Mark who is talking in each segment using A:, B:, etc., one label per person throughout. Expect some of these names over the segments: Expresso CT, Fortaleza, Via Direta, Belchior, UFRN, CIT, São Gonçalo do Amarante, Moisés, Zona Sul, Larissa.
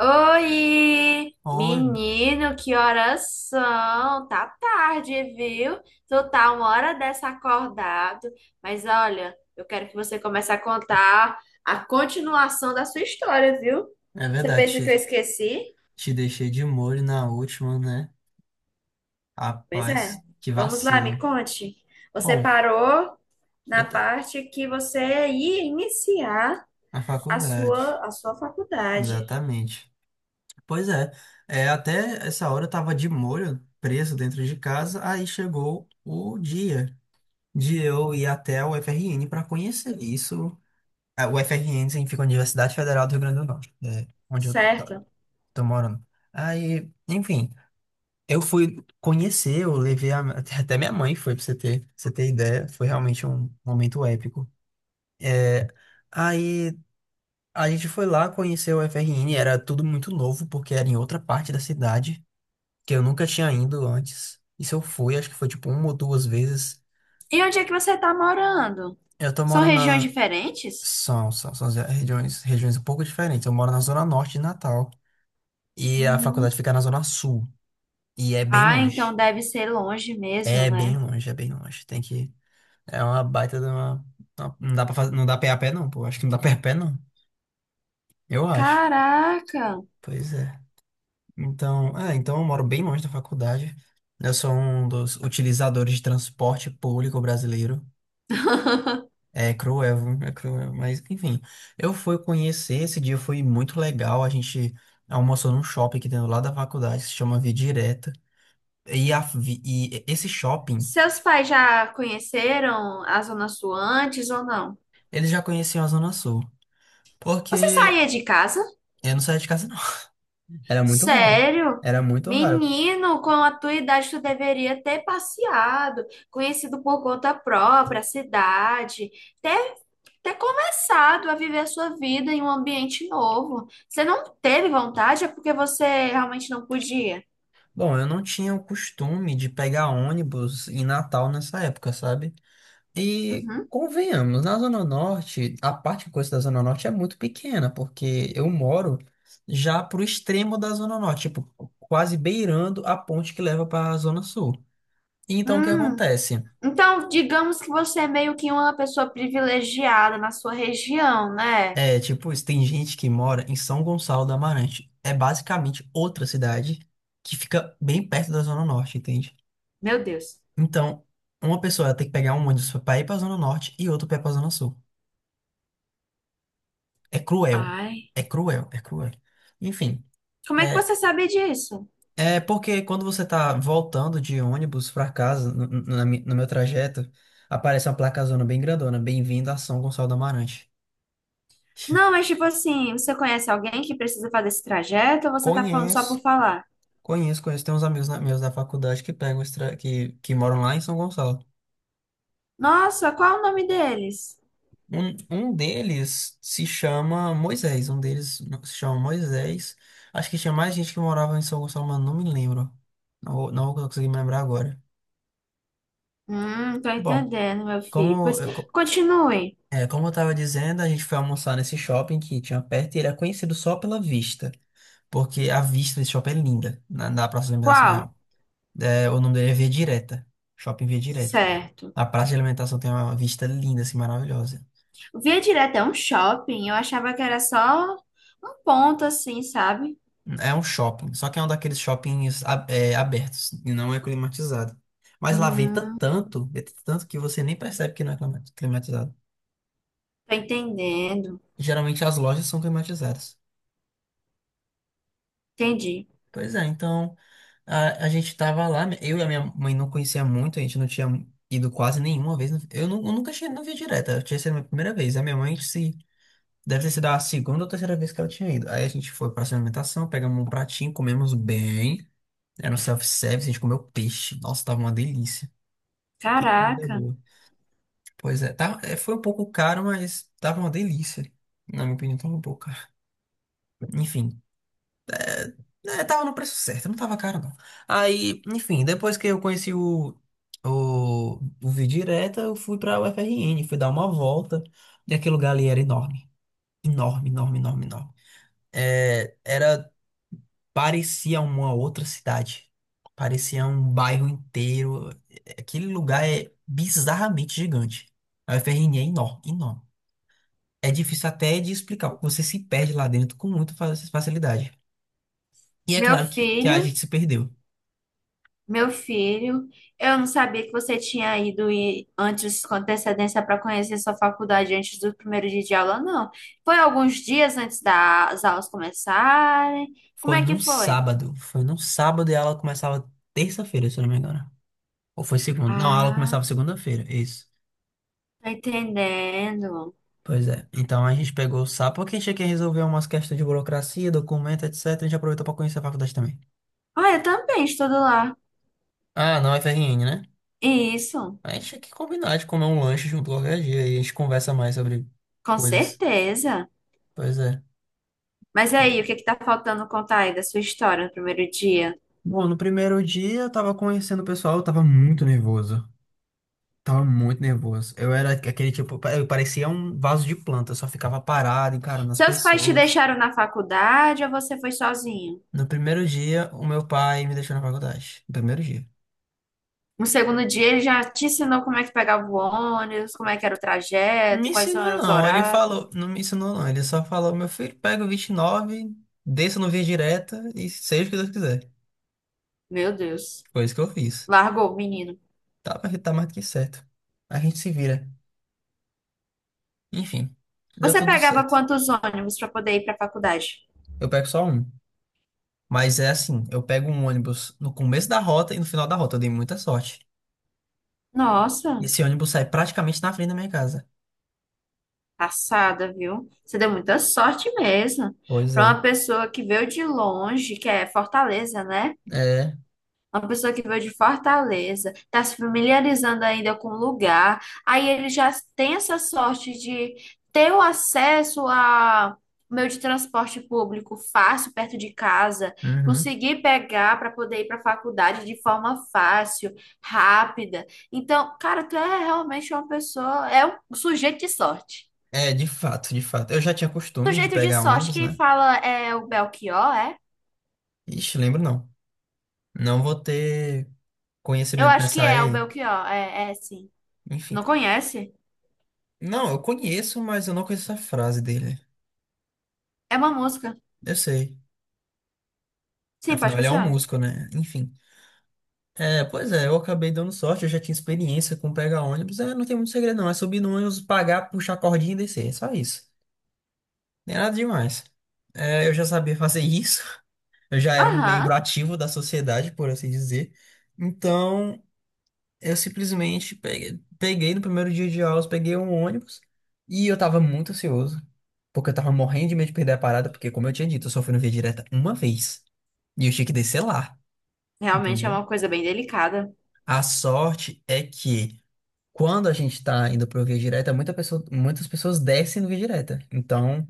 A: Oi!
B: Oi,
A: Menino, que horas são? Tá tarde, viu? Tu tá uma hora dessa acordado. Mas olha, eu quero que você comece a contar a continuação da sua história, viu?
B: é
A: Você
B: verdade,
A: pensa que eu
B: te,
A: esqueci?
B: te deixei de molho na última, né?
A: Pois é.
B: Rapaz, que
A: Vamos lá, me
B: vacilo.
A: conte. Você
B: Bom,
A: parou na
B: eu te-
A: parte que você ia iniciar
B: na
A: a
B: faculdade,
A: sua, a sua faculdade,
B: exatamente. Pois é, até essa hora eu tava de molho, preso dentro de casa, aí chegou o dia de eu ir até o UFRN para conhecer isso. Ah, o UFRN significa Universidade Federal do Rio Grande do Norte, onde eu tô,
A: certo?
B: tô morando. Aí, enfim. Eu fui conhecer, até minha mãe foi, pra você ter ideia. Foi realmente um momento épico. É, aí a gente foi lá conhecer o FRN, era tudo muito novo, porque era em outra parte da cidade, que eu nunca tinha ido antes. E se eu fui, acho que foi tipo uma ou duas vezes.
A: E onde é que você tá morando?
B: Eu tô
A: São
B: morando
A: regiões
B: na.
A: diferentes?
B: São as regiões um pouco diferentes. Eu moro na Zona Norte de Natal, e a faculdade fica na Zona Sul, e é bem
A: Ah,
B: longe.
A: então deve ser longe mesmo,
B: É bem
A: né?
B: longe, é bem longe. Tem que. É uma baita de uma. Não dá pra fazer, não dá pé a pé, não, pô. Acho que não dá pé a pé, não. Eu acho.
A: Caraca!
B: Pois é. Então, então eu moro bem longe da faculdade. Eu sou um dos utilizadores de transporte público brasileiro. É cruel, viu? É cruel, mas enfim. Eu fui conhecer, esse dia foi muito legal. A gente almoçou num shopping que tem do lado da faculdade, que se chama Via Direta. E esse shopping,
A: Seus pais já conheceram a Zona Sul antes ou não?
B: eles já conheciam a Zona Sul.
A: Você
B: Porque
A: saía de casa?
B: eu não saía de casa, não. Era muito raro.
A: Sério?
B: Era muito raro.
A: Menino, com a tua idade tu deveria ter passeado, conhecido por conta própria a cidade, ter, ter começado a viver a sua vida em um ambiente novo. Você não teve vontade, é porque você realmente não podia.
B: Bom, eu não tinha o costume de pegar ônibus em Natal nessa época, sabe? E
A: Uhum.
B: convenhamos, na Zona Norte, a parte que eu conheço da Zona Norte é muito pequena, porque eu moro já pro extremo da Zona Norte, tipo, quase beirando a ponte que leva para a Zona Sul. E então, o que
A: Hum.
B: acontece?
A: Então, digamos que você é meio que uma pessoa privilegiada na sua região, né?
B: É, tipo, isso, tem gente que mora em São Gonçalo do Amarante. É basicamente outra cidade que fica bem perto da Zona Norte, entende?
A: Meu Deus.
B: Então, uma pessoa ela tem que pegar um ônibus pra ir pra Zona Norte e outro pra ir pra Zona Sul. É cruel.
A: Ai,
B: É cruel, é cruel. Enfim,
A: como é que
B: é,
A: você sabe disso?
B: é porque quando você tá voltando de ônibus pra casa, no meu trajeto, aparece uma placazona bem grandona. Bem-vindo a São Gonçalo do Amarante.
A: Não, mas tipo assim, você conhece alguém que precisa fazer esse trajeto ou você tá falando só
B: Conheço,
A: por falar?
B: conheço, conheço. Tem uns amigos meus da faculdade que pegam que moram lá em São Gonçalo.
A: Nossa, qual é o nome deles?
B: Um deles se chama Moisés, um deles se chama Moisés. Acho que tinha mais gente que morava em São Gonçalo, mas não me lembro. Não, não vou conseguir me lembrar agora.
A: Tô
B: Bom,
A: entendendo, meu filho.
B: como,
A: Pois
B: eu co-
A: continue.
B: como eu estava dizendo, a gente foi almoçar nesse shopping que tinha perto e ele é conhecido só pela vista, porque a vista desse shopping é linda na praça de alimentação
A: Qual?
B: real. É, o nome dele é Via Direta, Shopping Via Direta.
A: Certo.
B: A praça de alimentação tem uma vista linda, assim, maravilhosa.
A: Via direto é um shopping, eu achava que era só um ponto assim, sabe?
B: É um shopping, só que é um daqueles shoppings abertos e não é climatizado. Mas lá
A: Hum,
B: venta tanto que você nem percebe que não é climatizado.
A: tô entendendo.
B: Geralmente as lojas são climatizadas.
A: Entendi.
B: Pois é, então a gente tava lá, eu e a minha mãe não conhecia muito, a gente não tinha ido quase nenhuma vez. Eu nunca tinha, não via direta, eu tinha sido a minha primeira vez. A minha mãe se, deve ter sido a segunda ou terceira vez que ela tinha ido. Aí a gente foi pra alimentação, pegamos um pratinho, comemos bem. Era um self-service, a gente comeu peixe. Nossa, tava uma delícia. Que comida
A: Caraca,
B: boa. Pois é, tá, é, foi um pouco caro, mas tava uma delícia. Na minha opinião, tava um pouco caro. Enfim, tava no preço certo, não tava caro não. Aí, enfim, depois que eu conheci o, o Via Direta, eu fui pra UFRN, fui dar uma volta. E aquele lugar ali era enorme. Enorme, enorme, enorme, enorme. É, parecia uma outra cidade. Parecia um bairro inteiro. Aquele lugar é bizarramente gigante. A UFRN é enorme, enorme. É difícil até de explicar, porque você se perde lá dentro com muita facilidade. E é
A: meu
B: claro que a
A: filho,
B: gente se perdeu.
A: meu filho, eu não sabia que você tinha antes com antecedência para conhecer sua faculdade antes do primeiro dia de aula, não. Foi alguns dias antes das aulas começarem? Como
B: Foi
A: é que
B: num
A: foi?
B: sábado. Foi num sábado e a aula começava terça-feira, se eu não me engano. Ou foi segunda? Não, a aula
A: Ah,
B: começava segunda-feira, isso.
A: tô entendendo.
B: Pois é. Então a gente pegou o sábado, porque a gente quer resolver umas questões de burocracia, documento, etc. A gente aproveitou pra conhecer a faculdade também.
A: Ah, eu também estudo lá.
B: Ah, não, FRN, né?
A: Isso,
B: A gente tinha que combinar de comer um lanche junto qualquer dia e a gente conversa mais sobre
A: com
B: coisas.
A: certeza.
B: Pois é.
A: Mas aí, o que que tá faltando contar aí da sua história no primeiro dia?
B: Bom, no primeiro dia eu tava conhecendo o pessoal, eu tava muito nervoso. Tava muito nervoso. Eu era aquele tipo, eu parecia um vaso de planta, eu só ficava parado, encarando as
A: Seus pais te
B: pessoas.
A: deixaram na faculdade ou você foi sozinho?
B: No primeiro dia, o meu pai me deixou na faculdade. No primeiro dia.
A: No segundo dia, ele já te ensinou como é que pegava o ônibus, como é que era o
B: Me
A: trajeto, quais
B: ensinou
A: eram os
B: não, ele
A: horários.
B: falou, não me ensinou não, ele só falou, meu filho, pega o 29, desça no Via Direta e seja o que Deus quiser.
A: Meu Deus,
B: Foi isso que eu fiz.
A: largou o menino.
B: Tá, mas tá mais do que certo. A gente se vira. Enfim, deu
A: Você
B: tudo
A: pegava
B: certo.
A: quantos ônibus para poder ir para a faculdade?
B: Eu pego só um. Mas é assim, eu pego um ônibus no começo da rota e no final da rota. Eu dei muita sorte. E
A: Nossa,
B: esse ônibus sai praticamente na frente da minha casa.
A: passada, viu? Você deu muita sorte mesmo.
B: Pois
A: Para
B: é.
A: uma pessoa que veio de longe, que é Fortaleza, né?
B: É.
A: Uma pessoa que veio de Fortaleza, está se familiarizando ainda com o lugar, aí ele já tem essa sorte de ter o acesso a meio de transporte público fácil, perto de casa,
B: Uhum.
A: conseguir pegar para poder ir para a faculdade de forma fácil, rápida. Então, cara, tu é realmente uma pessoa, é um sujeito de sorte.
B: É, de fato, de fato. Eu já tinha costume de
A: Sujeito de
B: pegar
A: sorte,
B: ônibus,
A: quem
B: né?
A: fala é o Belchior, é?
B: Ixi, lembro não. Não vou ter
A: Eu
B: conhecimento
A: acho que
B: nessa área
A: é o
B: aí.
A: Belchior, é, é sim.
B: Enfim.
A: Não conhece?
B: Não, eu conheço, mas eu não conheço essa frase dele.
A: É uma música.
B: Eu sei.
A: Sim, pode
B: Afinal, ele é um
A: continuar.
B: músico, né? Enfim. É, pois é, eu acabei dando sorte, eu já tinha experiência com pegar ônibus. É, não tem muito segredo, não. É subir no ônibus, pagar, puxar a cordinha e descer. É só isso. Nem nada demais. É, eu já sabia fazer isso, eu já era um
A: Aham.
B: membro ativo da sociedade, por assim dizer. Então, eu simplesmente peguei no primeiro dia de aulas, peguei um ônibus e eu tava muito ansioso, porque eu tava morrendo de medo de perder a parada, porque, como eu tinha dito, eu só fui no Via Direta uma vez e eu tinha que descer lá,
A: Realmente é
B: entendeu?
A: uma coisa bem delicada.
B: A sorte é que quando a gente tá indo pro Via Direta, muitas pessoas descem no Via Direta. Então.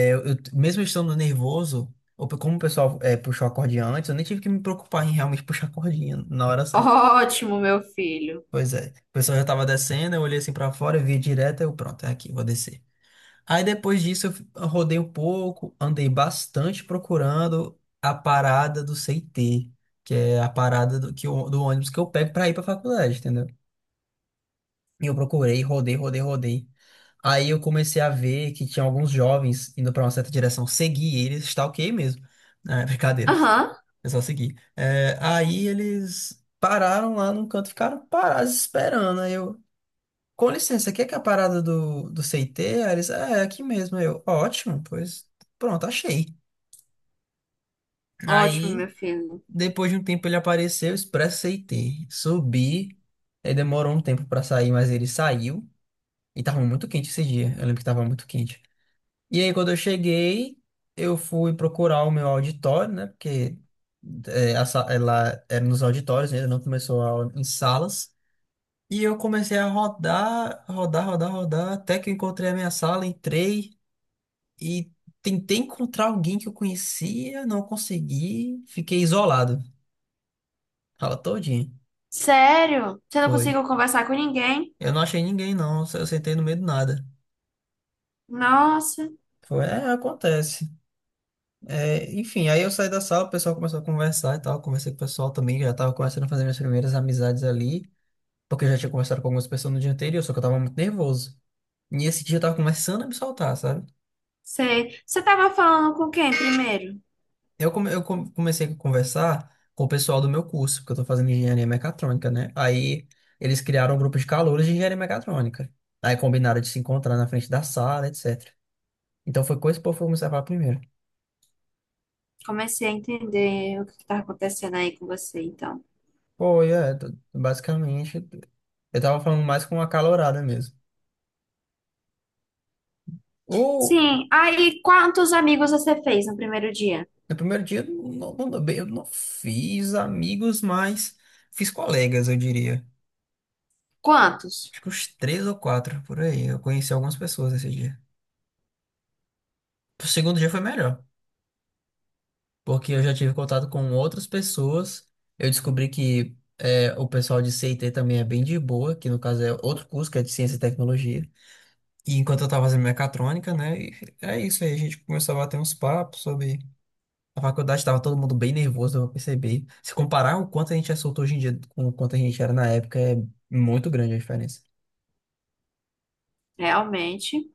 B: Mesmo estando nervoso, como o pessoal é, puxou a cordinha antes, eu nem tive que me preocupar em realmente puxar a cordinha na hora certa.
A: Ótimo, meu filho.
B: Pois é. O pessoal já tava descendo, eu olhei assim pra fora, vi direto, eu pronto, é aqui, vou descer. Aí depois disso eu rodei um pouco, andei bastante procurando a parada do CT, que é a parada do ônibus que eu pego pra ir pra faculdade, entendeu? E eu procurei, rodei, rodei, rodei. Aí eu comecei a ver que tinha alguns jovens indo pra uma certa direção. Segui eles, stalkeei mesmo. Ah, brincadeira.
A: Aham.
B: É só seguir. É, aí eles pararam lá num canto, ficaram parados esperando. Aí eu, com licença, aqui é que é a parada do CT? Aí eles, é aqui mesmo. Aí eu, ótimo, pois pronto, achei.
A: Ótimo,
B: Aí,
A: meu filho.
B: depois de um tempo, ele apareceu, Expresso CT. Subi, aí demorou um tempo pra sair, mas ele saiu. E tava muito quente esse dia. Eu lembro que tava muito quente. E aí, quando eu cheguei, eu fui procurar o meu auditório, né? Porque ela era nos auditórios, ainda não começou a aula em salas. E eu comecei a rodar, rodar, rodar, rodar, até que eu encontrei a minha sala, entrei e tentei encontrar alguém que eu conhecia, não consegui, fiquei isolado. Fala todinha.
A: Sério? Você não
B: Foi.
A: conseguiu conversar com ninguém?
B: Eu não achei ninguém, não. Eu sentei no meio do nada.
A: Nossa,
B: Foi, acontece. É, enfim, aí eu saí da sala, o pessoal começou a conversar e tal. Conversei com o pessoal também, já tava começando a fazer minhas primeiras amizades ali, porque eu já tinha conversado com algumas pessoas no dia anterior, só que eu tava muito nervoso. E esse dia eu tava começando a me soltar, sabe?
A: sei. Você tava falando com quem primeiro?
B: Comecei a conversar com o pessoal do meu curso, porque eu tô fazendo engenharia mecatrônica, né? Aí eles criaram um grupo de calouros de engenharia mecatrônica. Aí combinaram de se encontrar na frente da sala, etc. Então foi com esse povo que eu comecei a falar primeiro.
A: Comecei a entender o que que tá acontecendo aí com você, então.
B: Pô, basicamente, eu tava falando mais com uma calorada mesmo. Ou
A: Sim. Aí, quantos amigos você fez no primeiro dia?
B: no primeiro dia eu não, não- bem, eu não fiz amigos, mas fiz colegas, eu diria.
A: Quantos?
B: Acho que uns três ou quatro por aí. Eu conheci algumas pessoas nesse dia. O segundo dia foi melhor, porque eu já tive contato com outras pessoas. Eu descobri que o pessoal de CIT também é bem de boa, que no caso é outro curso que é de Ciência e Tecnologia. E enquanto eu tava fazendo mecatrônica, né? E é isso aí, a gente começou a bater uns papos sobre a faculdade, estava todo mundo bem nervoso, eu percebi. Se comparar o quanto a gente é solto hoje em dia com o quanto a gente era na época, é muito grande a diferença.
A: Realmente.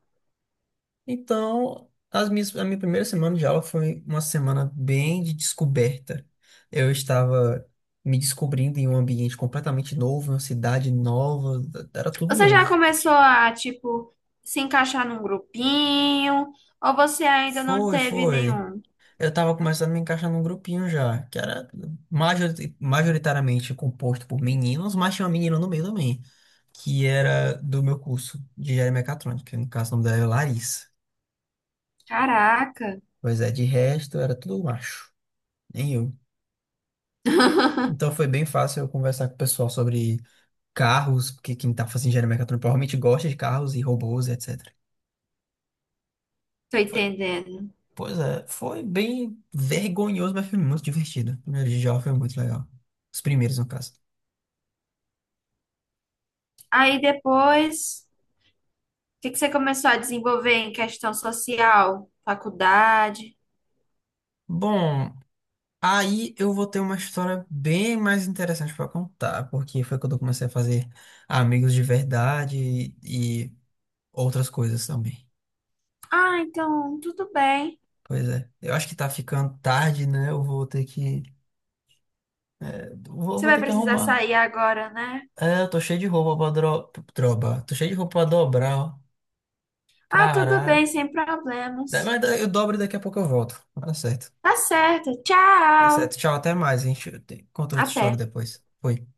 B: Então, a minha primeira semana de aula foi uma semana bem de descoberta. Eu estava me descobrindo em um ambiente completamente novo, em uma cidade nova, era tudo
A: Você já
B: novo.
A: começou a, tipo, se encaixar num grupinho? Ou você ainda não
B: Foi,
A: teve
B: foi.
A: nenhum?
B: Eu tava começando a me encaixar num grupinho já, que era majoritariamente composto por meninos, mas tinha uma menina no meio também, que era do meu curso de engenharia mecatrônica, que no caso o nome dela era Larissa.
A: Caraca,
B: Pois é, de resto era tudo macho, nem eu. Então foi bem fácil eu conversar com o pessoal sobre carros, porque quem tá fazendo engenharia mecatrônica provavelmente gosta de carros e robôs, etc.
A: tô
B: Foi,
A: entendendo.
B: pois é, foi bem vergonhoso, mas foi muito divertido. O primeiro dia de aula foi muito legal. Os primeiros, no caso.
A: Aí depois, o que que você começou a desenvolver em questão social, faculdade?
B: Bom, aí eu vou ter uma história bem mais interessante para contar, porque foi quando eu comecei a fazer amigos de verdade e outras coisas também.
A: Ah, então, tudo bem.
B: Pois é, eu acho que tá ficando tarde, né? Eu vou ter que vou,
A: Você
B: vou
A: vai
B: ter que
A: precisar
B: arrumar.
A: sair agora, né?
B: É, eu tô cheio de roupa pra droba. Tô cheio de roupa pra dobrar, ó.
A: Ah, tudo bem,
B: Caraca.
A: sem
B: Da-
A: problemas.
B: Mas da- eu dobro e daqui a pouco eu volto. Tá certo.
A: Tá certo,
B: Tá certo.
A: tchau.
B: Tchau, até mais. A gente conta outra
A: Até.
B: história depois. Foi.